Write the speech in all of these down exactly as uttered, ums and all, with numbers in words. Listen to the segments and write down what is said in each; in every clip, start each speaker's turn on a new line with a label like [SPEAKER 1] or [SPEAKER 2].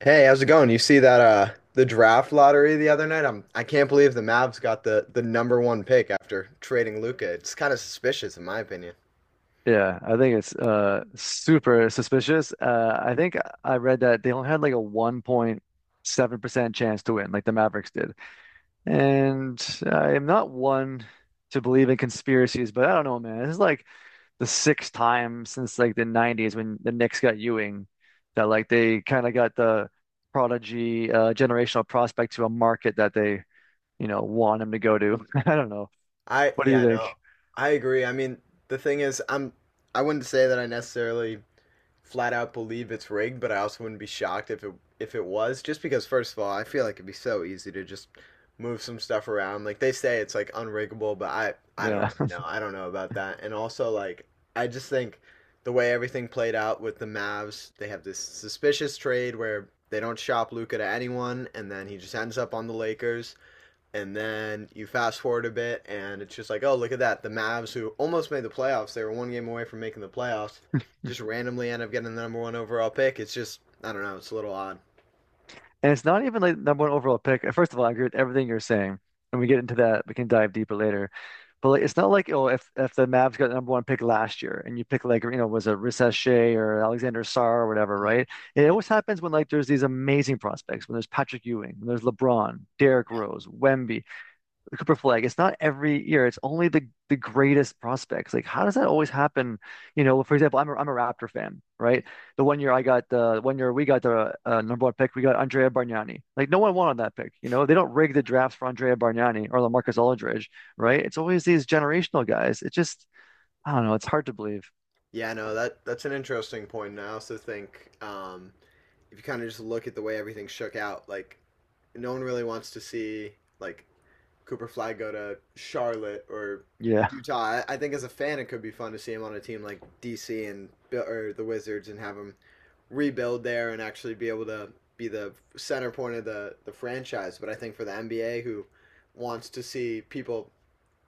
[SPEAKER 1] Hey, how's it going? You see that uh the draft lottery the other night? I'm I can't believe the Mavs got the the number one pick after trading Luca. It's kind of suspicious in my opinion.
[SPEAKER 2] Yeah, I think it's uh super suspicious. Uh I think I read that they only had like a one point seven percent chance to win, like the Mavericks did. And I am not one to believe in conspiracies, but I don't know, man. This is like the sixth time since like the nineties when the Knicks got Ewing that like they kind of got the prodigy uh generational prospect to a market that they, you know, want him to go to. I don't know.
[SPEAKER 1] I
[SPEAKER 2] What do you
[SPEAKER 1] yeah, no.
[SPEAKER 2] think?
[SPEAKER 1] I agree. I mean, the thing is, I'm I wouldn't say that I necessarily flat out believe it's rigged, but I also wouldn't be shocked if it if it was. Just because, first of all, I feel like it'd be so easy to just move some stuff around. Like they say, it's like unriggable, but I I don't
[SPEAKER 2] Yeah.
[SPEAKER 1] really know. I don't know about that. And also, like I just think the way everything played out with the Mavs, they have this suspicious trade where they don't shop Luca to anyone, and then he just ends up on the Lakers. And then you fast forward a bit, and it's just like, oh, look at that. The Mavs, who almost made the playoffs, they were one game away from making the playoffs, just randomly end up getting the number one overall pick. It's just, I don't know, it's a little odd.
[SPEAKER 2] And it's not even like number one overall pick. First of all, I agree with everything you're saying. And we get into that, we can dive deeper later. But like, it's not like, oh, if if the Mavs got the number one pick last year, and you pick like you know was it Risa Shea or Alexander Sarr or whatever, right? It
[SPEAKER 1] Yeah.
[SPEAKER 2] always happens when like there's these amazing prospects, when there's Patrick Ewing, when there's LeBron, Derrick Rose, Wemby the Cooper Flag. It's not every year. It's only the the greatest prospects. Like, how does that always happen? You know, for example, I'm a, I'm a Raptor fan, right? The one year I got the one year we got the uh, number one pick, we got Andrea Bargnani. Like, no one wanted that pick. You know, they don't rig the drafts for Andrea Bargnani or LaMarcus Aldridge,
[SPEAKER 1] Yeah.
[SPEAKER 2] right? It's always these generational guys. It just, I don't know. It's hard to believe.
[SPEAKER 1] Yeah, no, that, that's an interesting point. And I also think um, if you kind of just look at the way everything shook out, like, no one really wants to see, like, Cooper Flag go to Charlotte or
[SPEAKER 2] Yeah.
[SPEAKER 1] Utah. I think as a fan, it could be fun to see him on a team like D C and or the Wizards and have him rebuild there and actually be able to be the center point of the the franchise. But I think for the N B A, who wants to see people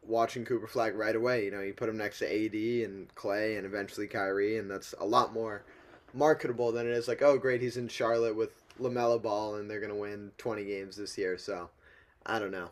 [SPEAKER 1] watching Cooper Flag right away, you know, you put him next to A D and Clay and eventually Kyrie, and that's a lot more marketable than it is like, oh, great, he's in Charlotte with Lamelo Ball and they're gonna win twenty games this year. So I don't know.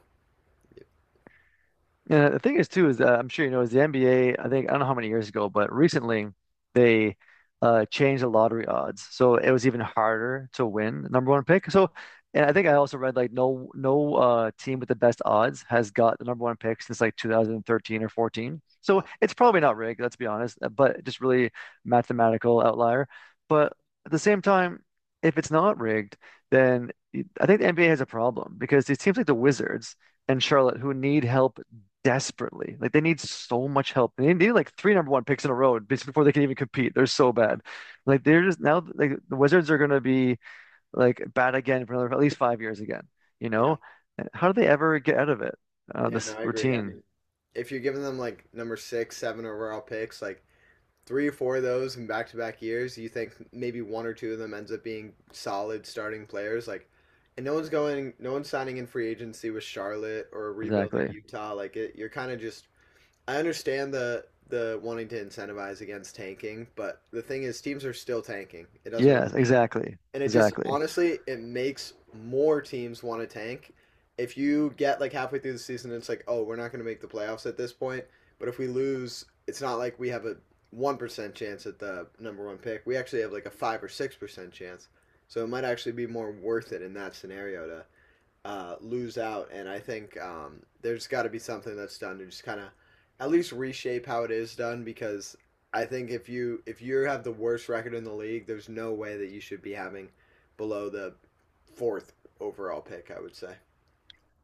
[SPEAKER 2] And the thing is, too, is uh, I'm sure you know, is the N B A, I think, I don't know how many years ago, but recently they uh, changed the lottery odds. So it was even harder to win the number one pick. So, and I think I also read like no no uh, team with the best odds has got the number one pick since like two thousand thirteen or fourteen. So
[SPEAKER 1] Well,
[SPEAKER 2] it's probably not rigged, let's be honest, uh, but just really mathematical outlier.
[SPEAKER 1] yeah.
[SPEAKER 2] But at the same time, if it's not rigged, then I think the N B A has a problem because it seems like the Wizards and Charlotte, who need help desperately. Like they need so much help. They need like three number one picks in a row basically before they can even compete. They're so bad. Like they're just now like the Wizards are gonna be like bad again for another at least five years again. You
[SPEAKER 1] Yeah.
[SPEAKER 2] know? How do they ever get out of it? Uh,
[SPEAKER 1] Yeah, no,
[SPEAKER 2] this
[SPEAKER 1] I agree. I
[SPEAKER 2] routine.
[SPEAKER 1] mean, if you're giving them like number six, seven overall picks, like three or four of those in back to back years, you think maybe one or two of them ends up being solid starting players. Like, and no one's going, no one's signing in free agency with Charlotte or rebuilding
[SPEAKER 2] Exactly.
[SPEAKER 1] Utah. Like, it, you're kind of just I understand the the wanting to incentivize against tanking, but the thing is, teams are still tanking. It doesn't really
[SPEAKER 2] Yes,
[SPEAKER 1] matter,
[SPEAKER 2] exactly.
[SPEAKER 1] and it just
[SPEAKER 2] Exactly.
[SPEAKER 1] honestly it makes more teams want to tank. If you get like halfway through the season, it's like, oh, we're not going to make the playoffs at this point. But if we lose, it's not like we have a one percent chance at the number one pick. We actually have like a five or six percent chance. So it might actually be more worth it in that scenario to uh, lose out, and I think um, there's got to be something that's done to just kind of at least reshape how it is done because I think if you if you have the worst record in the league, there's no way that you should be having below the fourth overall pick. I would say.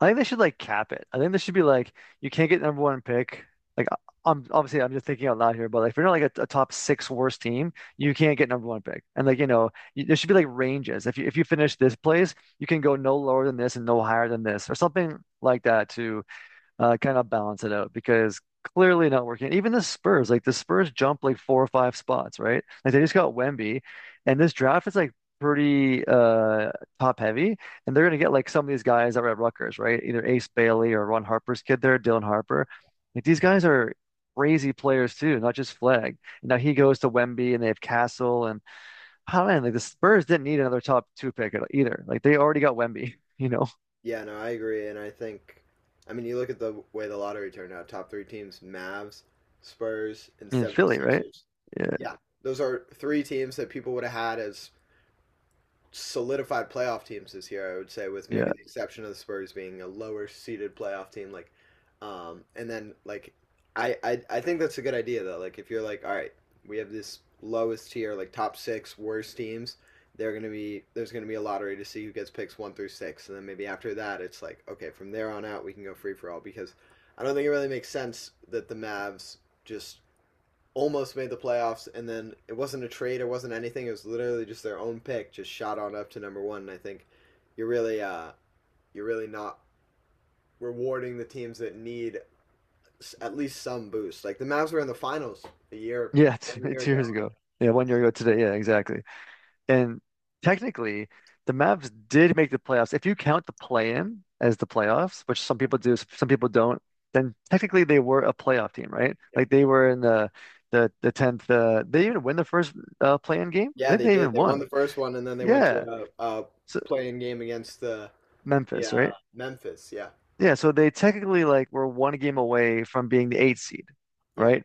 [SPEAKER 2] I think they should like cap it. I think they should be like, you can't get number one pick. Like, I- I'm obviously I'm just thinking out loud here, but like, if you're not like a, a top six worst team, you can't get number one pick. And like, you know, you, there should be like ranges. If you if you finish this place, you can go no lower than this and no higher than this, or something like that to uh, kind of balance it out because clearly not working. Even the Spurs, like the Spurs jumped like four or five spots, right? Like they
[SPEAKER 1] Yeah.
[SPEAKER 2] just got Wemby, and this draft is like pretty uh top heavy, and they're gonna get like some of these guys that were at Rutgers, right? Either Ace Bailey or Ron Harper's kid there, Dylan Harper. Like these guys are crazy players too, not just Flag. Now he goes to Wemby, and they have Castle, and oh, man, like the Spurs didn't need another top two pick either. Like they already got Wemby, you know,
[SPEAKER 1] Yeah. No, I agree, and I think I mean you look at the way the lottery turned out. Top three teams: Mavs, Spurs, and
[SPEAKER 2] in Philly, right?
[SPEAKER 1] 76ers.
[SPEAKER 2] Yeah,
[SPEAKER 1] Yeah, those are three teams that people would have had as solidified playoff teams this year. I would say, with maybe
[SPEAKER 2] yeah.
[SPEAKER 1] the exception of the Spurs being a lower seeded playoff team. Like, um, and then like, I, I I think that's a good idea though. Like, if you're like, all right, we have this lowest tier, like top six worst teams. They're gonna be There's gonna be a lottery to see who gets picks one through six, and then maybe after that, it's like okay, from there on out, we can go free for all because I don't think it really makes sense that the Mavs just almost made the playoffs, and then it wasn't a trade, it wasn't anything. It was literally just their own pick, just shot on up to number one. And I think you're really, uh, you're really not rewarding the teams that need at least some boost. Like the Mavs were in the finals a year,
[SPEAKER 2] Yeah,
[SPEAKER 1] one
[SPEAKER 2] two,
[SPEAKER 1] year
[SPEAKER 2] two years
[SPEAKER 1] ago.
[SPEAKER 2] ago. Yeah, one year ago today. Yeah, exactly. And technically, the Mavs did make the playoffs. If you count the play-in as the playoffs, which some people do, some people don't, then technically they were a playoff team, right?
[SPEAKER 1] Yeah,
[SPEAKER 2] Like they were in the the the tenth. Uh, they even win the first uh, play-in game.
[SPEAKER 1] yeah,
[SPEAKER 2] I think
[SPEAKER 1] they
[SPEAKER 2] they
[SPEAKER 1] did.
[SPEAKER 2] even
[SPEAKER 1] They won
[SPEAKER 2] won.
[SPEAKER 1] the first one, and then they went
[SPEAKER 2] Yeah,
[SPEAKER 1] to a, a
[SPEAKER 2] so
[SPEAKER 1] playing game against the yeah
[SPEAKER 2] Memphis,
[SPEAKER 1] uh,
[SPEAKER 2] right?
[SPEAKER 1] Memphis. Yeah,
[SPEAKER 2] Yeah, so they technically like were one game away from being the eight seed,
[SPEAKER 1] yeah,
[SPEAKER 2] right?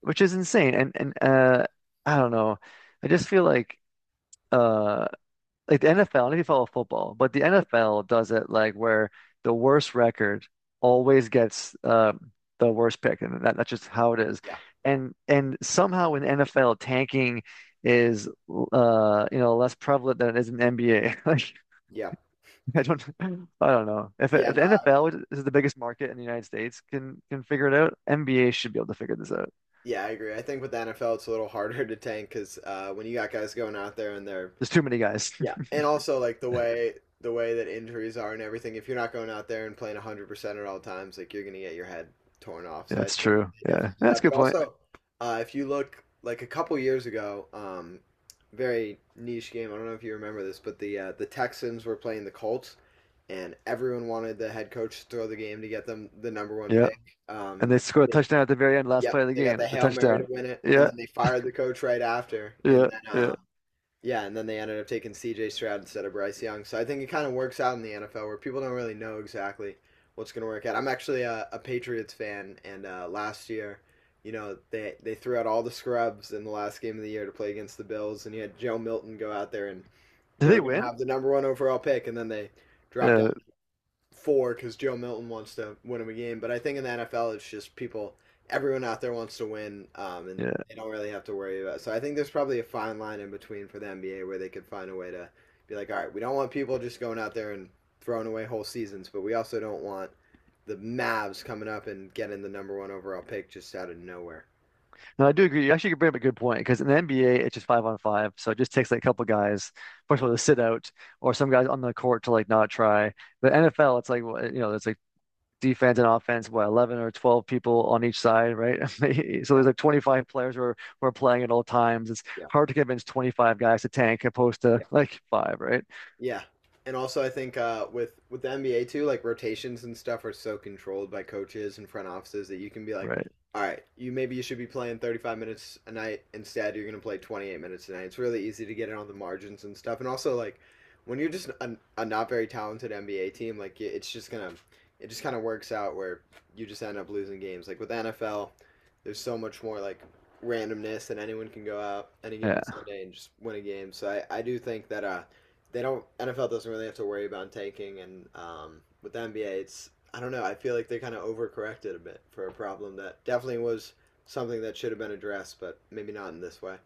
[SPEAKER 2] Which is insane. And and uh, I don't know. I just feel like. Uh, like the N F L, I don't know if you follow football, but the N F L does it like where the worst record always gets um, the worst pick, and that, that's just how it is.
[SPEAKER 1] yeah,
[SPEAKER 2] And and somehow in N F L tanking is uh you know less prevalent than it is in N B A.
[SPEAKER 1] yeah.
[SPEAKER 2] Like I don't I don't know if
[SPEAKER 1] Yeah,
[SPEAKER 2] if
[SPEAKER 1] no,
[SPEAKER 2] N F L, which is the biggest market in the United States, can can figure it out, N B A should be able to figure this out.
[SPEAKER 1] yeah, I agree. I think with the N F L, it's a little harder to tank because uh, when you got guys going out there and they're
[SPEAKER 2] There's too many guys.
[SPEAKER 1] Yeah, and also like the way the way that injuries are and everything. If you're not going out there and playing one hundred percent at all times, like you're gonna get your head torn off.
[SPEAKER 2] Yeah,
[SPEAKER 1] So I
[SPEAKER 2] that's
[SPEAKER 1] think
[SPEAKER 2] true.
[SPEAKER 1] they
[SPEAKER 2] Yeah,
[SPEAKER 1] definitely do
[SPEAKER 2] that's
[SPEAKER 1] that.
[SPEAKER 2] a good
[SPEAKER 1] But
[SPEAKER 2] point.
[SPEAKER 1] also, uh, if you look like a couple years ago, um, very niche game. I don't know if you remember this, but the uh, the Texans were playing the Colts, and everyone wanted the head coach to throw the game to get them the number one
[SPEAKER 2] Yeah.
[SPEAKER 1] pick. Um,
[SPEAKER 2] And
[SPEAKER 1] and
[SPEAKER 2] they
[SPEAKER 1] then
[SPEAKER 2] scored a
[SPEAKER 1] they,
[SPEAKER 2] touchdown at the very end, last
[SPEAKER 1] yep,
[SPEAKER 2] play of the
[SPEAKER 1] they got
[SPEAKER 2] game.
[SPEAKER 1] the
[SPEAKER 2] The
[SPEAKER 1] hail mary to
[SPEAKER 2] touchdown.
[SPEAKER 1] win it, and
[SPEAKER 2] Yeah,
[SPEAKER 1] then they fired the coach right after, and
[SPEAKER 2] yeah,
[SPEAKER 1] then.
[SPEAKER 2] yeah.
[SPEAKER 1] Um, yeah, and then they ended up taking C J. Stroud instead of Bryce Young. So I think it kind of works out in the N F L where people don't really know exactly what's going to work out. I'm actually a, a Patriots fan, and uh, last year, you know, they they threw out all the scrubs in the last game of the year to play against the Bills, and you had Joe Milton go out there, and
[SPEAKER 2] Did
[SPEAKER 1] they were
[SPEAKER 2] they
[SPEAKER 1] going to
[SPEAKER 2] win?
[SPEAKER 1] have the number one overall pick, and then they dropped
[SPEAKER 2] Yeah,
[SPEAKER 1] four because Joe Milton wants to win him a game. But I think in the N F L, it's just people, everyone out there wants to win, um, and
[SPEAKER 2] yeah.
[SPEAKER 1] they don't really have to worry about. It. So I think there's probably a fine line in between for the N B A where they could find a way to be like, all right, we don't want people just going out there and throwing away whole seasons, but we also don't want the Mavs coming up and getting the number one overall pick just out of nowhere.
[SPEAKER 2] No, I do agree. You actually could bring up a good point because in the N B A, it's just five on five. So it just takes like a couple guys, first
[SPEAKER 1] Yeah,
[SPEAKER 2] of all, to sit out or some guys on the court to like not try. But
[SPEAKER 1] yeah,
[SPEAKER 2] N F L, it's like, well, you know, there's like defense and offense, what, eleven or twelve people on each side, right? So there's
[SPEAKER 1] yeah,
[SPEAKER 2] like twenty-five players who are, who are playing at all times. It's
[SPEAKER 1] yeah.
[SPEAKER 2] hard to convince twenty-five guys to tank opposed to like five, right?
[SPEAKER 1] Yeah. And also I think uh with with the N B A too, like rotations and stuff are so controlled by coaches and front offices that you can be like,
[SPEAKER 2] Right.
[SPEAKER 1] all right, you maybe you should be playing thirty-five minutes a night instead you're going to play twenty-eight minutes a night. It's really easy to get in on the margins and stuff. And also like when you're just a, a not very talented N B A team, like it- it's just going to it just kind of works out where you just end up losing games. Like with N F L, there's so much more like randomness and anyone can go out any given
[SPEAKER 2] Yeah.
[SPEAKER 1] Sunday and just win a game. So I I do think that uh they don't N F L doesn't really have to worry about tanking, and um, with the N B A, it's I don't know. I feel like they kind of overcorrected a bit for a problem that definitely was something that should have been addressed, but maybe not in this way.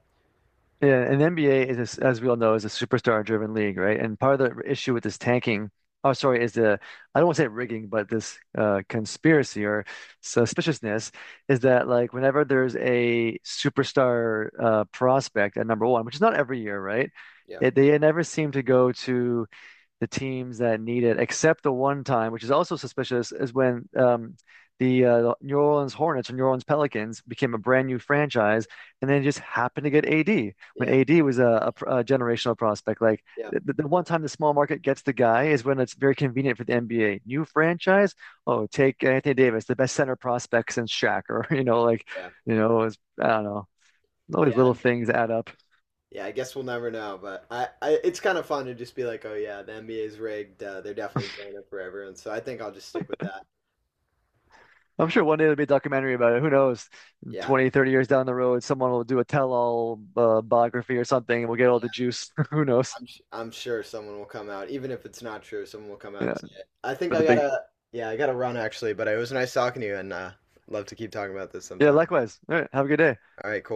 [SPEAKER 2] Yeah, and the N B A is, a s as we all know, is a superstar-driven league, right? And part of the issue with this tanking, oh, sorry, is the I don't want to say rigging, but this uh, conspiracy or suspiciousness is that like whenever there's a superstar uh, prospect at number one, which is not every year, right?
[SPEAKER 1] Yeah,
[SPEAKER 2] It, they never seem to go to the teams that need it, except the one time, which is also suspicious, is when um, the uh, the New Orleans Hornets or New Orleans Pelicans became a brand new franchise, and then just happened to get A D when
[SPEAKER 1] yeah,
[SPEAKER 2] A D was a, a, a generational prospect. Like
[SPEAKER 1] yeah,
[SPEAKER 2] the, the one time the small market gets the guy is when it's very convenient for the N B A. New franchise, oh, take Anthony Davis, the best center prospect since Shaq, or you know, like
[SPEAKER 1] yeah,
[SPEAKER 2] you know, it's, I don't know. All these
[SPEAKER 1] yeah,
[SPEAKER 2] little things add up.
[SPEAKER 1] yeah. I guess we'll never know, but I, I it's kind of fun to just be like, oh yeah, the N B A's rigged. Uh, they're definitely throwing it for everyone. So I think I'll just stick with that.
[SPEAKER 2] I'm sure one day there'll be a documentary about it. Who knows?
[SPEAKER 1] Yeah,
[SPEAKER 2] Twenty, thirty years down the road, someone will do a tell-all uh, biography or something, and we'll get all the juice. Who knows?
[SPEAKER 1] I'm, sh- I'm sure someone will come out, even if it's not true. Someone will come out and
[SPEAKER 2] Yeah,
[SPEAKER 1] say it. I think
[SPEAKER 2] for
[SPEAKER 1] I
[SPEAKER 2] the big.
[SPEAKER 1] gotta, yeah, I gotta run actually. But it was nice talking to you, and uh, love to keep talking about this
[SPEAKER 2] Yeah,
[SPEAKER 1] sometime.
[SPEAKER 2] likewise. All right, have a good day.
[SPEAKER 1] All right, cool.